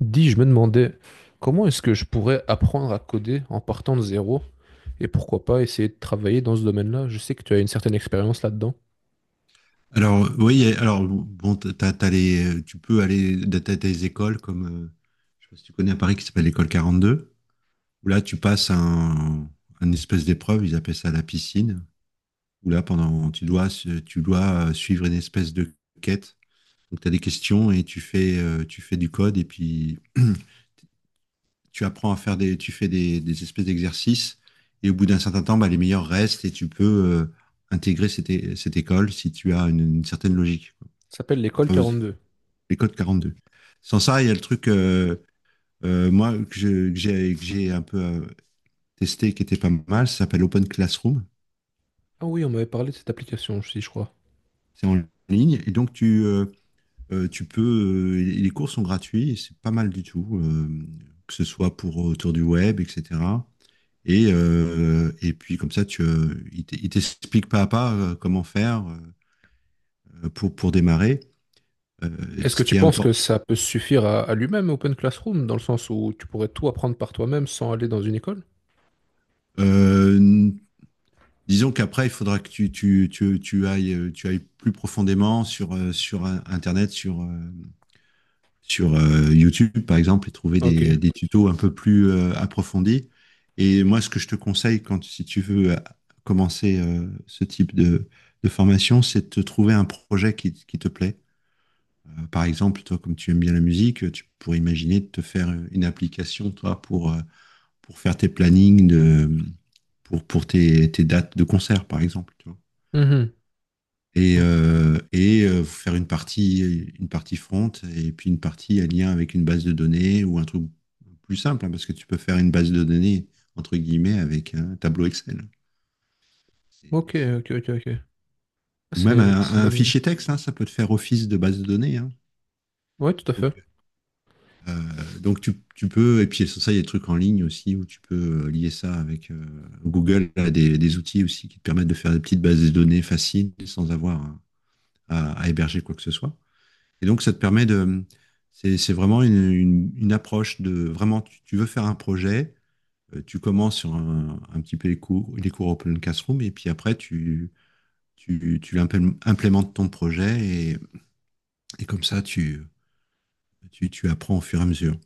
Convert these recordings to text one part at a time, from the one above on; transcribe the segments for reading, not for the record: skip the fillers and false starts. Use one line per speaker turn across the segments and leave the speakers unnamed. Dis, je me demandais comment est-ce que je pourrais apprendre à coder en partant de zéro et pourquoi pas essayer de travailler dans ce domaine-là. Je sais que tu as une certaine expérience là-dedans.
Alors, oui, alors, bon, t'as, t'as les, tu peux aller, t'as t'as des écoles comme, je sais pas si tu connais à Paris qui s'appelle l'école 42 où là, tu passes un espèce d'épreuve, ils appellent ça la piscine, où là, pendant, tu dois suivre une espèce de quête. Donc, t'as des questions et tu fais du code et puis tu apprends à faire des, tu fais des espèces d'exercices et au bout d'un certain temps, bah, les meilleurs restent et tu peux, intégrer cette école si tu as une certaine logique, quoi.
Ça s'appelle
T'as
l'école
pas besoin-
quarante-deux.
les codes 42. Sans ça, il y a le truc, moi, que j'ai un peu testé, qui était pas mal, ça s'appelle Open Classroom.
Ah oui, on m'avait parlé de cette application aussi, je crois.
C'est en ligne. Et donc, tu peux, les cours sont gratuits, et c'est pas mal du tout, que ce soit pour autour du web, etc. Et puis, comme ça, il t'explique pas à pas comment faire pour, démarrer.
Est-ce que
Ce
tu
qui est
penses
important.
que ça peut suffire à, lui-même, Open Classroom, dans le sens où tu pourrais tout apprendre par toi-même sans aller dans une école?
Disons qu'après, il faudra que tu ailles plus profondément sur, sur Internet, sur, sur YouTube, par exemple, et trouver
Ok.
des tutos un peu plus approfondis. Et moi, ce que je te conseille, si tu veux commencer ce type de, formation, c'est de te trouver un projet qui te plaît. Par exemple, toi, comme tu aimes bien la musique, tu pourrais imaginer de te faire une application, toi, pour faire tes plannings pour tes dates de concert, par exemple, tu vois.
Mhm.
Et, faire une partie front et puis une partie en lien avec une base de données ou un truc plus simple, hein, parce que tu peux faire une base de données, entre guillemets, avec un tableau Excel. C'est-
Ok, ok,
c'est-
ok, ok. Ah,
Ou
c'est
même
une
un
bonne idée.
fichier texte, hein, ça peut te faire office de base de données, hein.
Ouais, tout à
Donc,
fait.
donc, tu peux, et puis sans ça, il y a des trucs en ligne aussi où tu peux lier ça avec Google, a des outils aussi qui te permettent de faire des petites bases de données faciles sans avoir à héberger quoi que ce soit. Et donc, ça te permet de. C'est vraiment une approche de. Vraiment, tu veux faire un projet, tu commences sur un petit peu les cours Open Classroom, et puis après, tu implémentes ton projet, et, et comme ça, tu apprends au fur et à mesure.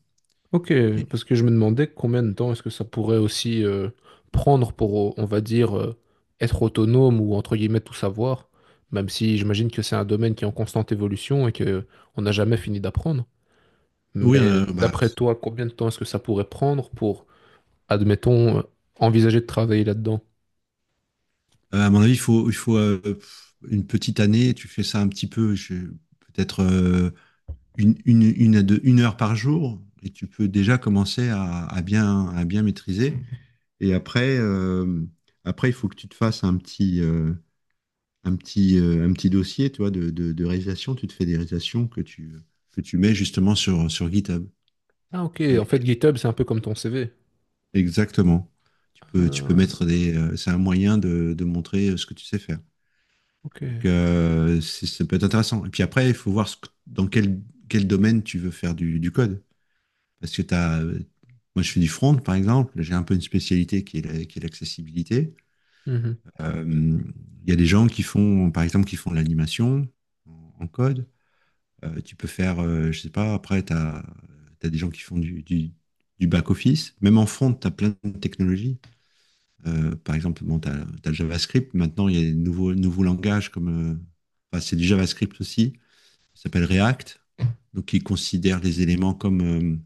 Ok,
Et-
parce que je me demandais combien de temps est-ce que ça pourrait aussi prendre pour, on va dire, être autonome ou entre guillemets tout savoir, même si j'imagine que c'est un domaine qui est en constante évolution et que on n'a jamais fini d'apprendre.
oui,
Mais
bah,
d'après toi, combien de temps est-ce que ça pourrait prendre pour, admettons, envisager de travailler là-dedans?
à mon avis, il faut, une petite année, tu fais ça un petit peu, peut-être une heure par jour, et tu peux déjà commencer à bien maîtriser. Et après, il faut que tu te fasses un petit dossier, tu vois, de réalisation. Tu te fais des réalisations que tu mets justement sur GitHub.
Ah ok,
Comme ça,
en
les-
fait GitHub c'est un peu comme ton CV.
Exactement. Tu peux
Ah,
mettre des. C'est un moyen de montrer ce que tu sais faire.
ok.
Donc, ça peut être intéressant. Et puis après, il faut voir dans quel domaine tu veux faire du code. Parce que t'as, moi, je fais du front, par exemple. J'ai un peu une spécialité qui est l'accessibilité.
Mhm.
Euh, Il y a des gens qui font, par exemple, qui font de l'animation en code. Tu peux faire, je sais pas, après, tu as, des gens qui font du back-office. Même en front, tu as plein de technologies. Par exemple, bon, tu as, le JavaScript. Maintenant, il y a des nouveaux langages comme. euh, enfin, c'est du JavaScript aussi. Ça s'appelle React. Donc, il considère les éléments comme,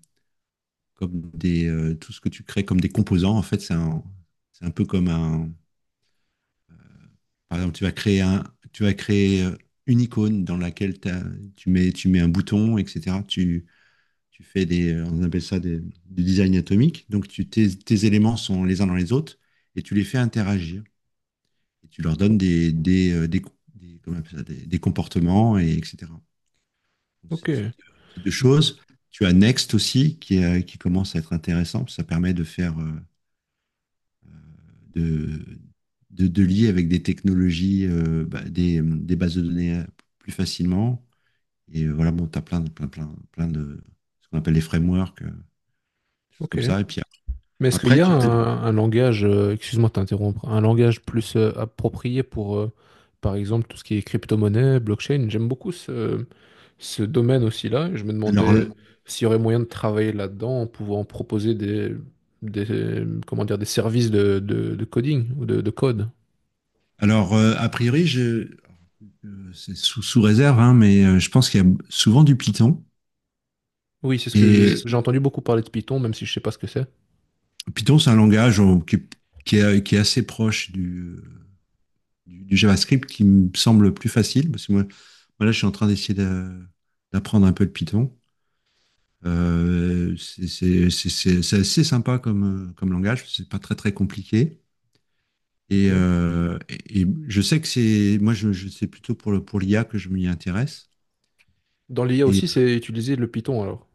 comme des, tout ce que tu crées comme des composants. En fait, c'est un peu comme un, par exemple, tu vas créer une icône dans laquelle tu mets un bouton, etc. Tu fais des, on appelle ça du design atomique. Donc, tes éléments sont les uns dans les autres et tu les fais interagir. Et tu leur donnes comment on appelle ça, des comportements, et etc. Donc, ce
Ok,
type de choses. Tu as Next aussi qui commence à être intéressant. Ça permet de faire, de, de lier avec des technologies, bah, des bases de données plus facilement. Et voilà, bon, tu as plein de ce qu'on appelle les frameworks, des choses
ok.
comme ça. Et puis
Mais est-ce qu'il y
après,
a
tu peux.
un langage, excuse-moi de t'interrompre, un langage plus approprié pour, par exemple, tout ce qui est crypto-monnaie, blockchain? J'aime beaucoup ce, ce domaine aussi-là. Je me
Alors,
demandais s'il y aurait moyen de travailler là-dedans en pouvant proposer des, comment dire, des services de, de coding ou de code.
alors, a priori, je. C'est sous réserve, hein, mais je pense qu'il y a souvent du Python.
Oui, c'est ce que j'ai
Et
j'ai entendu beaucoup parler de Python, même si je sais pas ce que c'est.
Python, c'est un langage qui est assez proche du JavaScript qui me semble plus facile. Parce que moi, là, je suis en train d'essayer d'apprendre un peu le Python. C'est assez sympa comme, comme langage, c'est pas très très compliqué. Et,
Ok.
euh, et, et je sais que c'est, moi je- c'est plutôt pour pour l'IA que je m'y intéresse.
Dans l'IA
Et
aussi, c'est utiliser le Python alors.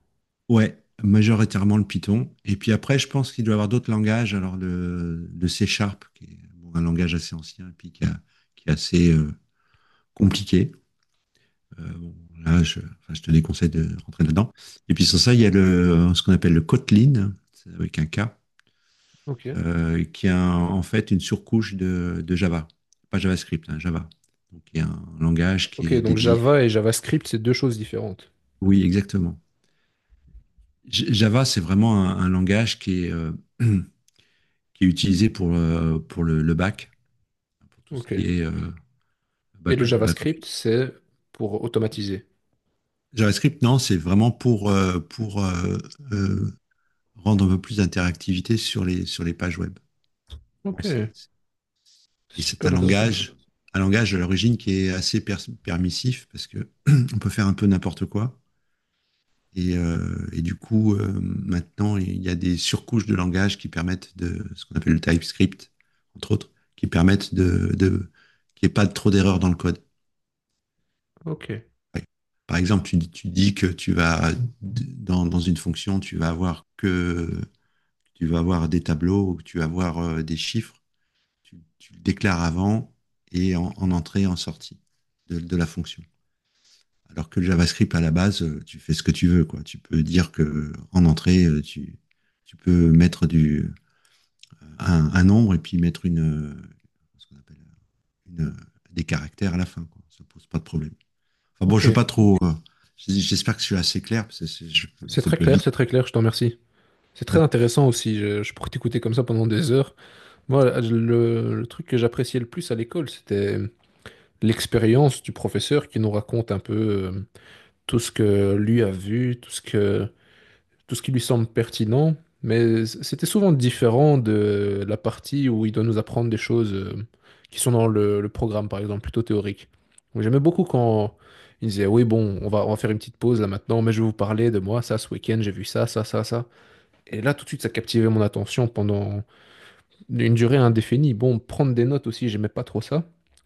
ouais, majoritairement le Python. Et puis après, je pense qu'il doit y avoir d'autres langages. Alors le C#, qui est bon, un langage assez ancien et puis qui est assez compliqué. Bon, là, enfin, je te déconseille de rentrer là-dedans. Et puis sans ça, il y a
Ouais.
ce qu'on appelle le Kotlin, c'est avec un K,
Ok.
qui a en fait une surcouche de Java. Pas JavaScript, hein, Java. Donc, il y a un langage
Ok,
qui est
donc
dédié.
Java et JavaScript, c'est deux choses différentes.
Oui, exactement. Java, c'est vraiment un langage qui est, qui est utilisé pour le back, pour tout ce
Ok.
qui est
Et
back,
le
back office.
JavaScript, c'est pour automatiser.
JavaScript, non, c'est vraiment pour, euh, rendre un peu plus d'interactivité sur les pages web. Bon.
Ok,
Et c'est
super intéressant.
un langage, à l'origine qui est assez permissif parce que on peut faire un peu n'importe quoi. Et du coup, maintenant, il y a des surcouches de langage qui permettent de, ce qu'on appelle le TypeScript, entre autres, qui permettent de, qu'il n'y ait pas trop d'erreurs dans le code.
Ok,
Ouais. Par exemple, tu dis que tu vas, dans une fonction, tu vas avoir des tableaux ou que tu vas avoir des chiffres. Tu le déclares avant et en entrée et en sortie de la fonction. Alors que le JavaScript, à la base, tu fais ce que tu veux, quoi. Tu peux dire que en entrée, tu peux mettre un nombre et puis mettre une, ce qu'on appelle une, des caractères à la fin, quoi. Ça pose pas de problème. Enfin bon, je veux
ok.
pas trop, j'espère que je suis assez clair, parce que ça peut vite.
C'est très clair, je te remercie. C'est très
Ouais.
intéressant aussi, je pourrais t'écouter comme ça pendant des heures. Moi, le truc que j'appréciais le plus à l'école, c'était l'expérience du professeur qui nous raconte un peu tout ce que lui a vu, tout ce que, tout ce qui lui semble pertinent, mais c'était souvent différent de la partie où il doit nous apprendre des choses qui sont dans le programme, par exemple, plutôt théorique. Donc, j'aimais beaucoup quand il disait, oui, bon, on va faire une petite pause là maintenant, mais je vais vous parler de moi, ça, ce week-end, j'ai vu ça, ça, ça, ça. Et là, tout de suite, ça captivait mon attention pendant une durée indéfinie. Bon, prendre des notes aussi, j'aimais pas trop ça.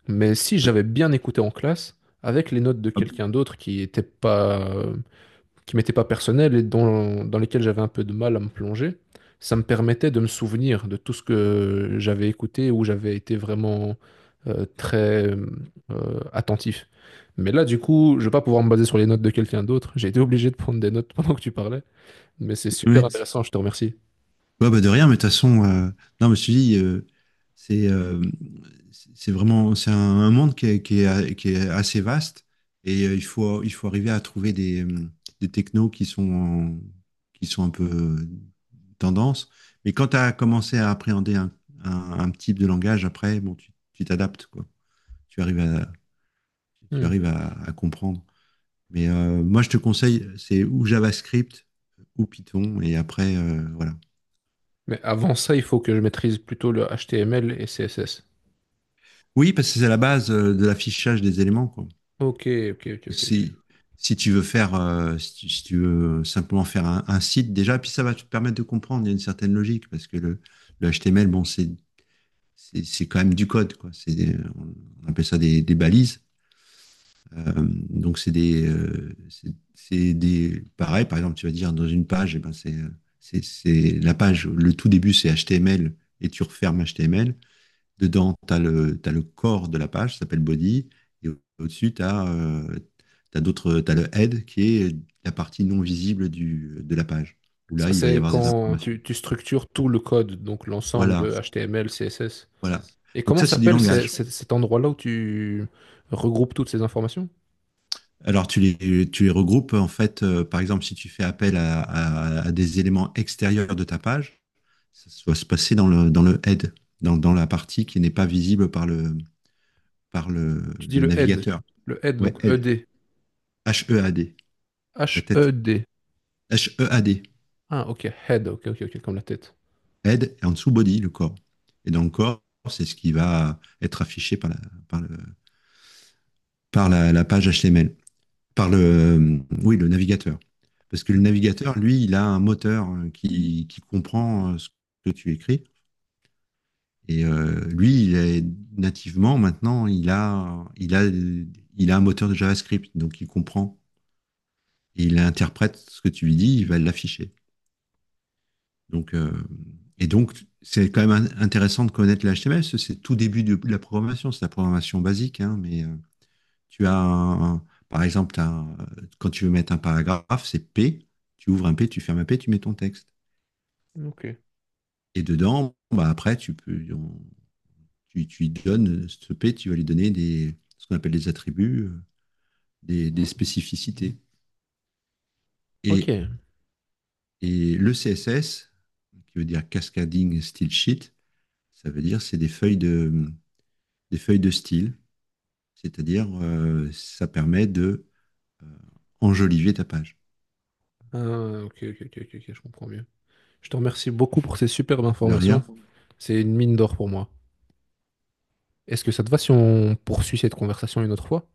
Mais si j'avais bien écouté en classe, avec les notes de
Hop.
quelqu'un d'autre qui n'était pas, qui m'étaient pas personnelles et dont dans lesquelles j'avais un peu de mal à me plonger, ça me permettait de me souvenir de tout ce que j'avais écouté, où j'avais été vraiment très attentif. Mais là, du coup, je vais pas pouvoir me baser sur les notes de quelqu'un d'autre. J'ai été obligé de prendre des notes pendant que tu parlais, mais c'est super
Ouais.
intéressant, je te remercie.
Ouais, bah de rien, mais de toute façon, non, je me suis dit, c'est euh, c'est vraiment, c'est un monde qui est assez vaste et il faut arriver à trouver des technos qui sont un peu tendance. Mais quand tu as commencé à appréhender un type de langage, après, bon, tu t'adaptes, quoi. Tu arrives à, tu
Hmm.
arrives à, à comprendre. Mais moi, je te conseille, c'est ou JavaScript ou Python et après, voilà.
Mais avant ça, il faut que je maîtrise plutôt le HTML et CSS.
Oui, parce que c'est la base de l'affichage des éléments, quoi.
Ok, ok, ok, ok, ok.
Si, si tu veux faire, si, tu, si tu veux simplement faire un site déjà, puis ça va te permettre de comprendre, il y a une certaine logique, parce que le HTML, bon, c'est quand même du code, quoi. On appelle ça des balises. Euh, donc c'est des, pareil, par exemple, tu vas dire dans une page, eh ben c'est la page, le tout début c'est HTML et tu refermes HTML. Dedans, tu as le corps de la page, ça s'appelle body. Et au-dessus, t'as le head qui est la partie non visible de la page, où là,
Ça,
il va y
c'est
avoir des
quand
informations.
tu structures tout le code, donc l'ensemble
Voilà,
de HTML, CSS.
voilà.
Et
Donc
comment
ça, c'est du
s'appelle
langage.
cet endroit-là où tu regroupes toutes ces informations?
Alors, tu les regroupes, en fait, par exemple, si tu fais appel à des éléments extérieurs de ta page, ça va se passer dans le, head, dans la partie qui n'est pas visible par le, par le,
Tu dis
le
le head.
navigateur.
Le head,
Ouais,
donc E
head.
D
HEAD, la tête.
H-E-D.
HEAD.
Ah, ok, head, ok, ok, ok, comme la tête.
Head et en dessous body, le corps. Et dans le corps, c'est ce qui va être affiché par, le, par la page HTML, par le navigateur. Parce que le navigateur, lui, il a un moteur qui comprend ce que tu écris. Et lui, il est, nativement, maintenant, il a un moteur de JavaScript. Donc, il comprend. Et il interprète ce que tu lui dis, il va l'afficher. Donc, euh, donc, c'est quand même intéressant de connaître le HTML, parce que c'est tout début de la programmation, c'est la programmation basique, hein, mais tu as, un- par exemple, quand tu veux mettre un paragraphe, c'est P, tu ouvres un P, tu fermes un P, tu mets ton texte.
Mm, ok.
Et dedans, bah, après, tu lui donnes ce P, tu vas lui donner des, ce qu'on appelle des attributs, des spécificités. Et,
Ok.
et le CSS, qui veut dire Cascading Style Sheet, ça veut dire c'est des des feuilles de style. C'est-à-dire, ça permet de euh, enjoliver ta page.
Ah, ok, ok, ok, ok, ok, je comprends mieux. Je te remercie beaucoup pour ces superbes
De
informations.
rien.
C'est une mine d'or pour moi. Est-ce que ça te va si on poursuit cette conversation une autre fois?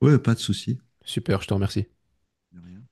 Ouais, pas de souci.
Super, je te remercie.
De rien.